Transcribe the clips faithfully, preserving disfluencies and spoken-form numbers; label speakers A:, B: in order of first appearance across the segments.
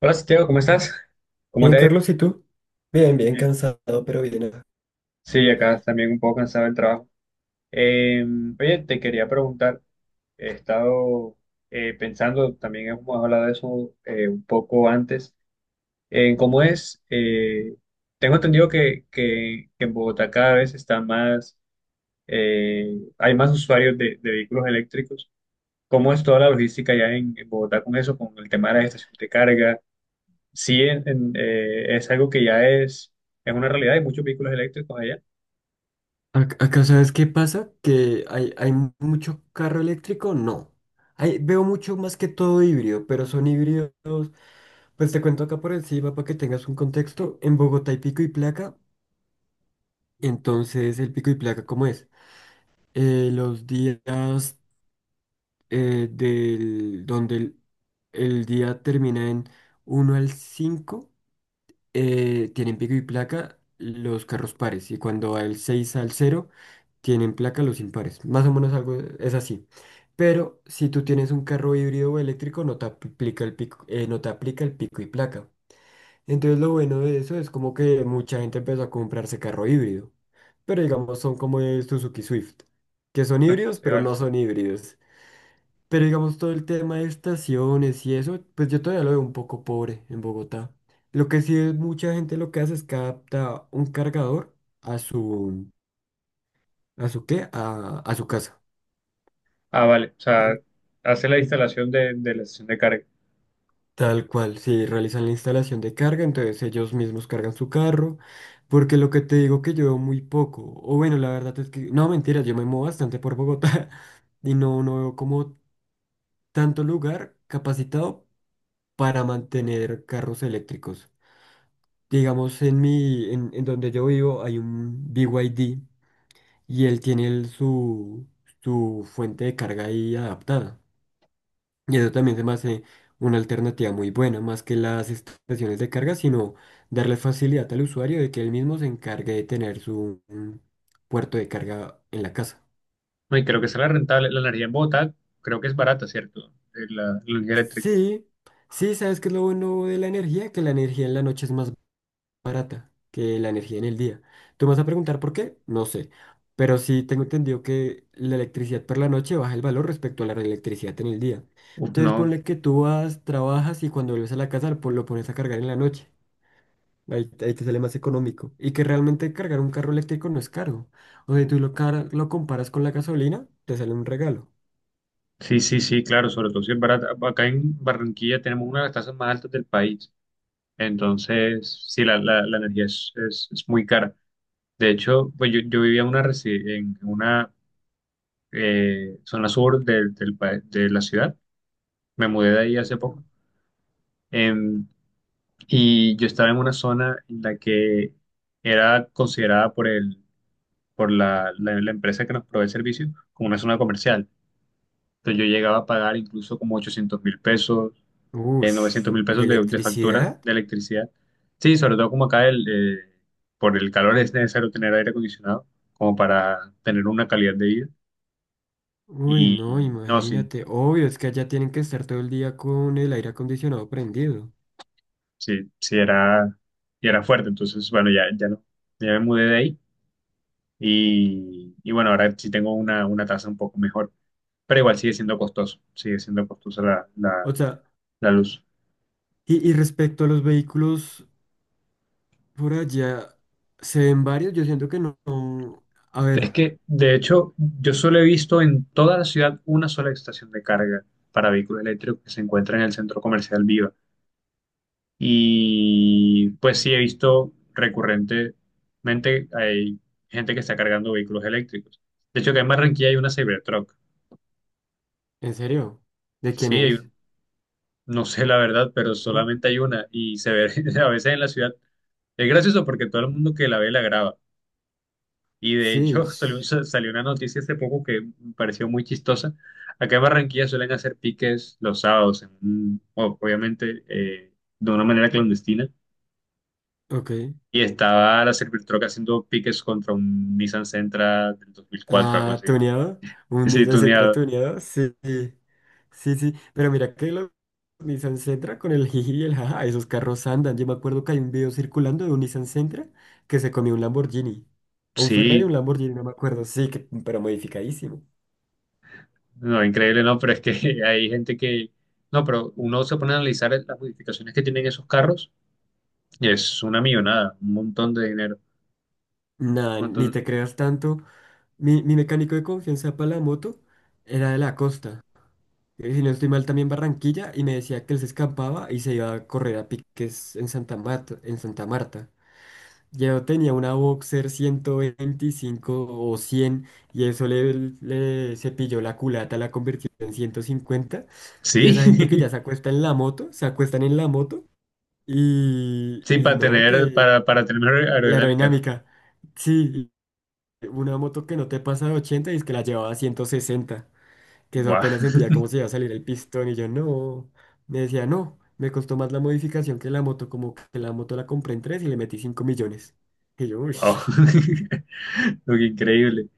A: Hola Santiago, ¿cómo estás? ¿Cómo te
B: Bien,
A: ha ido?
B: Carlos, ¿y tú? Bien, bien cansado, pero bien, acá.
A: Sí, acá también un poco cansado del trabajo. Eh, oye, te quería preguntar, he estado eh, pensando, también hemos hablado de eso eh, un poco antes, en cómo es, eh, tengo entendido que, que- que en Bogotá cada vez está más, eh, hay más usuarios de, de vehículos eléctricos. ¿Cómo es toda la logística ya en, en Bogotá con eso, con el tema de las estaciones de carga? Sí, en- en, eh, es algo que ya es, es una realidad. Hay muchos vehículos eléctricos allá.
B: Ac- Acá, ¿sabes qué pasa? Que hay, hay mu- mucho carro eléctrico, no. Hay, veo mucho más que todo híbrido, pero son híbridos. Pues te cuento acá por encima para que tengas un contexto. En Bogotá hay pico y placa. Entonces, el pico y placa, ¿cómo es? Eh, los días eh, del, donde el, el día termina en uno al cinco, eh, tienen pico y placa los carros pares, y cuando va el seis al cero tienen placa los impares. Más o menos algo es así. Pero si tú tienes un carro híbrido o eléctrico no te aplica el pico, eh, no te aplica el pico y placa. Entonces lo bueno de eso es como que mucha gente empezó a comprarse carro híbrido. Pero digamos son como el Suzuki Swift, que son híbridos
A: Se
B: pero
A: vale.
B: no son híbridos. Pero digamos todo el tema de estaciones y eso, pues yo todavía lo veo un poco pobre en Bogotá. Lo que sí es mucha gente lo que hace es que adapta un cargador a su, ¿a su qué? A, a su casa.
A: Ah, vale. O sea,
B: En
A: hace la instalación de, de la estación de carga.
B: Tal cual, si realizan la instalación de carga, entonces ellos mismos cargan su carro, porque lo que te digo que yo veo muy poco, o bueno, la verdad es que, no, mentira, yo me muevo bastante por Bogotá y no, no veo como tanto lugar capacitado para mantener carros eléctricos. Digamos, en mi, en, en donde yo vivo hay un B Y D y D, y él tiene el- su, su fuente de carga ahí adaptada. Y eso también se me hace una alternativa muy buena, más que las estaciones de carga, sino darle facilidad al usuario de que él mismo se encargue de tener su mm, puerto de carga en la casa.
A: No, y creo que será rentable. La energía en Bogotá creo que es barata, ¿cierto? Eh, La, la energía eléctrica.
B: Sí, sí, ¿sabes qué es lo bueno de la energía? Que la energía en la noche es más barata que la energía en el día. Tú me vas a preguntar por qué, no sé, pero sí tengo entendido que la electricidad por la noche baja el valor respecto a la electricidad en el día.
A: Uf,
B: Entonces
A: no.
B: ponle que tú vas, trabajas y cuando vuelves a la casa pues, lo pones a cargar en la noche. Ahí, ahí te sale más económico. Y que realmente cargar un carro eléctrico no es caro. O sea, si tú lo, car- lo comparas con la gasolina, te sale un regalo.
A: Sí, sí, sí, claro. Sobre todo si es barata. Acá en Barranquilla tenemos una de las tasas más altas del país. Entonces, sí, la, la, la energía es, es, es muy cara. De hecho, pues yo, yo vivía en una, resi- en una eh, zona sur del del pa- de la ciudad, me mudé de ahí hace poco. em, y yo estaba en una zona en la que era considerada por el, por la, la, la empresa que nos provee el servicio como una zona comercial. Entonces yo llegaba a pagar incluso como ochocientos mil pesos, eh,
B: Uff,
A: mil
B: ¿y
A: pesos de, de factura
B: electricidad?
A: de electricidad. Sí, sobre todo como acá el, eh, por el calor es necesario tener aire acondicionado como para tener una calidad de vida.
B: Uy, no,
A: Y no, sí,
B: imagínate. Obvio, es que allá tienen que estar todo el día con el aire acondicionado prendido.
A: sí, sí era, sí era fuerte. Entonces, bueno, ya, ya no, ya me mudé de ahí. Y, y bueno, ahora sí tengo una, una tasa un poco mejor, pero igual sigue siendo costoso, sigue siendo costosa la,
B: O
A: la,
B: sea,
A: la luz.
B: y, y respecto a los vehículos por allá, ¿se ven varios? Yo siento que no. no- A
A: Es
B: ver,
A: que, de hecho, yo solo he visto en toda la ciudad una sola estación de carga para vehículos eléctricos que se encuentra en el centro comercial Viva. Y pues sí he visto recurrentemente hay gente que está cargando vehículos eléctricos. De hecho, que en Barranquilla hay una Cybertruck.
B: en serio, ¿de quién
A: Sí, hay.
B: es?
A: No sé la verdad, pero
B: ¿No?
A: solamente hay una y se ve a veces en la ciudad. Es gracioso porque todo el mundo que la ve la graba. Y de
B: Sí,
A: hecho salió,
B: s-
A: salió una noticia hace poco que me pareció muy chistosa. Acá en Barranquilla suelen hacer piques los sábados, en un- o- obviamente eh, de una manera clandestina.
B: ok.
A: Y estaba la Servitroca haciendo piques contra un Nissan Sentra del dos mil cuatro, algo
B: Ah,
A: así.
B: tuneado, un
A: Sí,
B: Nissan Sentra
A: tuneado.
B: tuneado, sí. Sí, sí, sí, pero mira que los Nissan Sentra con el jiji y el jaja, esos carros andan. Yo me acuerdo que hay un video circulando de un Nissan Sentra que se comió un Lamborghini. O un Ferrari, un
A: Sí.
B: Lamborghini, no me acuerdo. Sí, que, pero modificadísimo.
A: No, increíble, no, pero es que hay gente que... No, pero uno se pone a analizar las modificaciones que tienen esos carros y es una millonada, un montón de dinero.
B: Nada,
A: Un
B: ni
A: montón...
B: te creas tanto. Mi, mi mecánico de confianza para la moto era de la costa. eh, Si no estoy mal, también Barranquilla, y me decía que él se escapaba y se iba a correr a piques en Santa Marta, en Santa Marta. Yo tenía una Boxer ciento veinticinco o cien, y eso le, le cepilló la culata, la convirtió en ciento cincuenta. Y
A: Sí,
B: esa gente que ya se acuesta en la moto, se acuestan en la moto y,
A: sí,
B: y
A: para
B: no,
A: tener,
B: que
A: para, para tener mejor
B: la
A: aerodinámica, ¿no?
B: aerodinámica. Sí, una moto que no te pasa de ochenta y es que la llevaba a ciento sesenta, que eso
A: Guau,
B: apenas sentía como se iba a salir el pistón, y yo no, me decía no, me costó más la modificación que la moto, como que la moto la compré en tres y le metí cinco millones. Y yo, uy,
A: wow. Lo que increíble.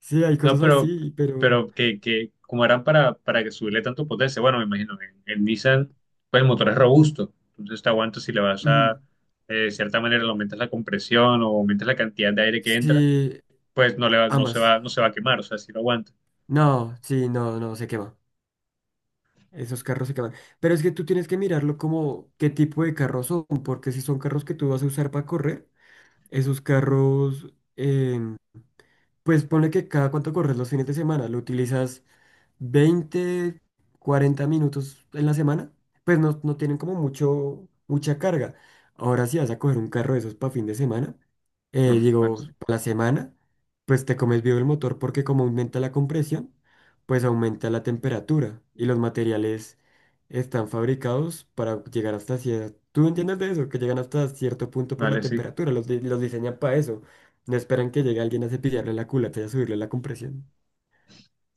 B: sí, hay
A: No,
B: cosas
A: pero,
B: así, pero
A: pero que, que como harán para, para que subirle tanto potencia, bueno, me imagino, en, en Nissan, pues el motor es robusto, entonces te aguanta si le vas
B: mm,
A: a, eh, de cierta manera, le aumentas la compresión o aumentas la cantidad de aire que entra,
B: sí,
A: pues no le va, no se
B: ambas.
A: va, no se va a quemar, o sea, si lo aguanta.
B: No, sí, no, no, se quema. Esos carros se queman. Pero es que tú tienes que mirarlo como qué tipo de carros son, porque si son carros que tú vas a usar para correr, esos carros em, Pues ponle que cada cuánto corres los fines de semana, lo utilizas veinte, cuarenta minutos en la semana, pues no, no tienen como mucho, mucha carga. Ahora si vas a coger un carro de esos para fin de semana, eh,
A: Uf, bueno,
B: digo,
A: sí.
B: para la semana, pues te comes vivo el motor porque como aumenta la compresión, pues aumenta la temperatura y los materiales están fabricados para llegar hasta cierto... ¿Tú entiendes de eso? Que llegan hasta cierto punto por la
A: Vale, sí.
B: temperatura, los, di- los diseñan para eso. No esperan que llegue alguien a cepillarle la culata y a subirle la compresión.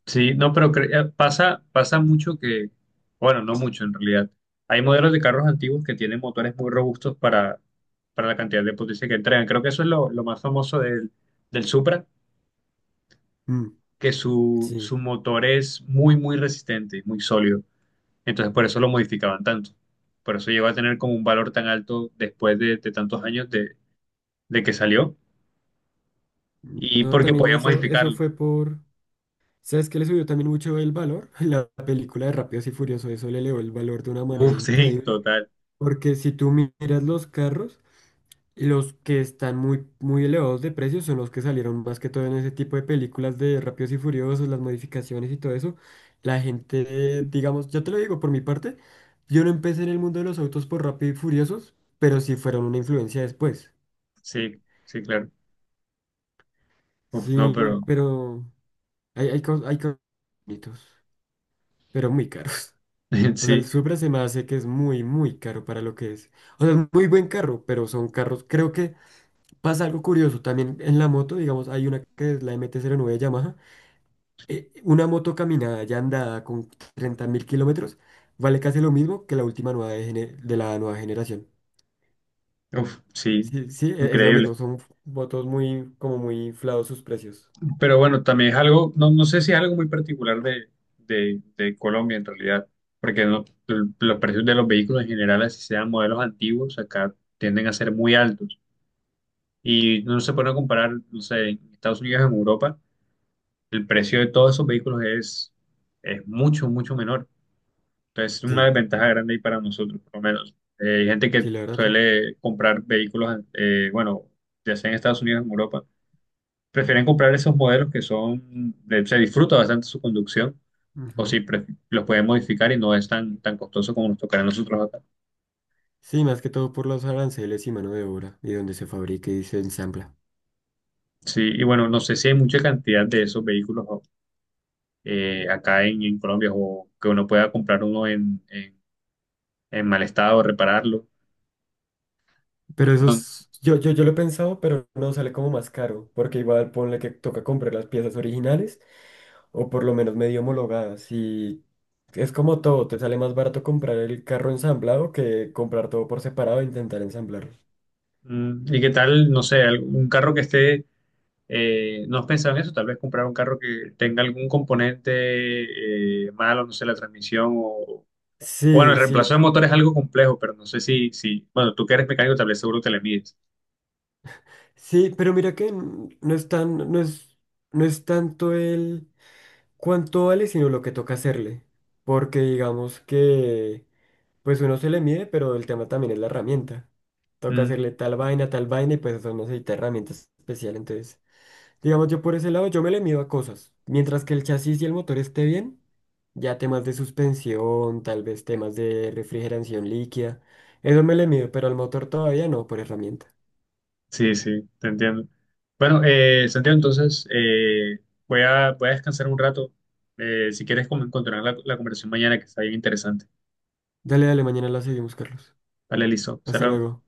A: Sí, no, pero cre- eh, pasa, pasa mucho que, bueno, no mucho en realidad. Hay modelos de carros antiguos que tienen motores muy robustos para, para la cantidad de potencia que entregan. Creo que eso es lo, lo más famoso del, del Supra,
B: Mm,
A: que su, su
B: sí.
A: motor es muy, muy resistente, muy sólido. Entonces, por eso lo modificaban tanto. Por eso llegó a tener como un valor tan alto después de, de tantos años de, de que salió y
B: No,
A: porque
B: también
A: podían
B: eso, eso
A: modificarlo.
B: fue por... ¿Sabes qué le subió también mucho el valor? La película de Rápidos y Furiosos, eso le elevó el valor de una manera
A: Uf, sí,
B: increíble.
A: total.
B: Porque si tú miras los carros, los que están muy, muy elevados de precio son los que salieron más que todo en ese tipo de películas de Rápidos y Furiosos, las modificaciones y todo eso. La gente, eh, digamos, yo te lo digo por mi parte, yo no empecé en el mundo de los autos por Rápidos y Furiosos, pero sí fueron una influencia después.
A: Sí, sí, claro. Uf, no,
B: Sí,
A: pero
B: pero hay, hay, cos- hay cos- bonitos, pero muy caros. O sea, el
A: sí,
B: Supra se me hace que es muy, muy caro para lo que es. O sea, es muy buen carro, pero son carros, creo que... Pasa algo curioso también en la moto, digamos, hay una que es la M T cero nueve Yamaha. Eh, una moto caminada ya andada con treinta mil kilómetros vale casi lo mismo que la última nueva de, gene- de la nueva generación.
A: uf, sí,
B: Sí, sí, e- es lo mismo,
A: increíble.
B: son motos muy, como muy inflados sus precios.
A: Pero bueno, también es algo, no, no sé si es algo muy particular de, de, de Colombia en realidad, porque no, el- los precios de los vehículos en general, así sean modelos antiguos, acá tienden a ser muy altos. Y no se pone a comparar, no sé, en Estados Unidos, en Europa, el precio de todos esos vehículos es, es mucho, mucho menor. Entonces, es una
B: Sí,
A: desventaja grande ahí para nosotros, por lo menos. Eh, hay gente
B: sí,
A: que
B: la verdad, sí.
A: suele comprar vehículos, eh, bueno, ya sea en Estados Unidos o en Europa, prefieren comprar esos modelos que son, eh, se disfruta bastante su conducción, o
B: Ujú.
A: si pre- los pueden modificar y no es tan, tan costoso como nos tocará a nosotros acá.
B: Sí, más que todo por los aranceles y mano de obra y donde se fabrica y se ensambla.
A: Sí, y bueno, no sé si hay mucha cantidad de esos vehículos eh, acá en, en Colombia o que uno pueda comprar uno en, en, en mal estado, repararlo.
B: Pero eso
A: No,
B: es, yo, yo, yo lo he pensado, pero no sale como más caro, porque igual ponle que toca comprar las piezas originales, o por lo menos medio homologadas. Y es como todo, te sale más barato comprar el carro ensamblado que comprar todo por separado e intentar ensamblarlo.
A: mm, ¿y qué tal, no sé, algún- un carro que esté? Eh, no has pensado en eso, tal vez comprar un carro que tenga algún componente eh, malo, no sé, la transmisión o... Bueno, el
B: Sí, sí, lo-
A: reemplazo de motor es algo complejo, pero no sé si, si... Bueno, tú que eres mecánico, tal vez seguro te le mides.
B: sí, pero mira que n- no es tan, no es, no es tanto el cuánto vale, sino lo que toca hacerle. Porque digamos que, pues uno se le mide, pero el tema también es la herramienta. Toca
A: Mm,
B: hacerle tal vaina, tal vaina, y pues eso necesita herramientas especiales, entonces. Digamos, yo por ese lado, yo me le mido a cosas. Mientras que el chasis y el motor esté bien, ya temas de suspensión, tal vez temas de refrigeración líquida, eso me le mido, pero al motor todavía no, por herramienta.
A: sí, sí, te entiendo. Bueno, eh, Santiago, entonces eh, voy a, voy a descansar un rato. Eh, si quieres, como continuar la, la conversación mañana, que está bien interesante.
B: Dale, dale, mañana la seguimos, Carlos.
A: Vale, listo. Hasta
B: Hasta
A: luego.
B: luego.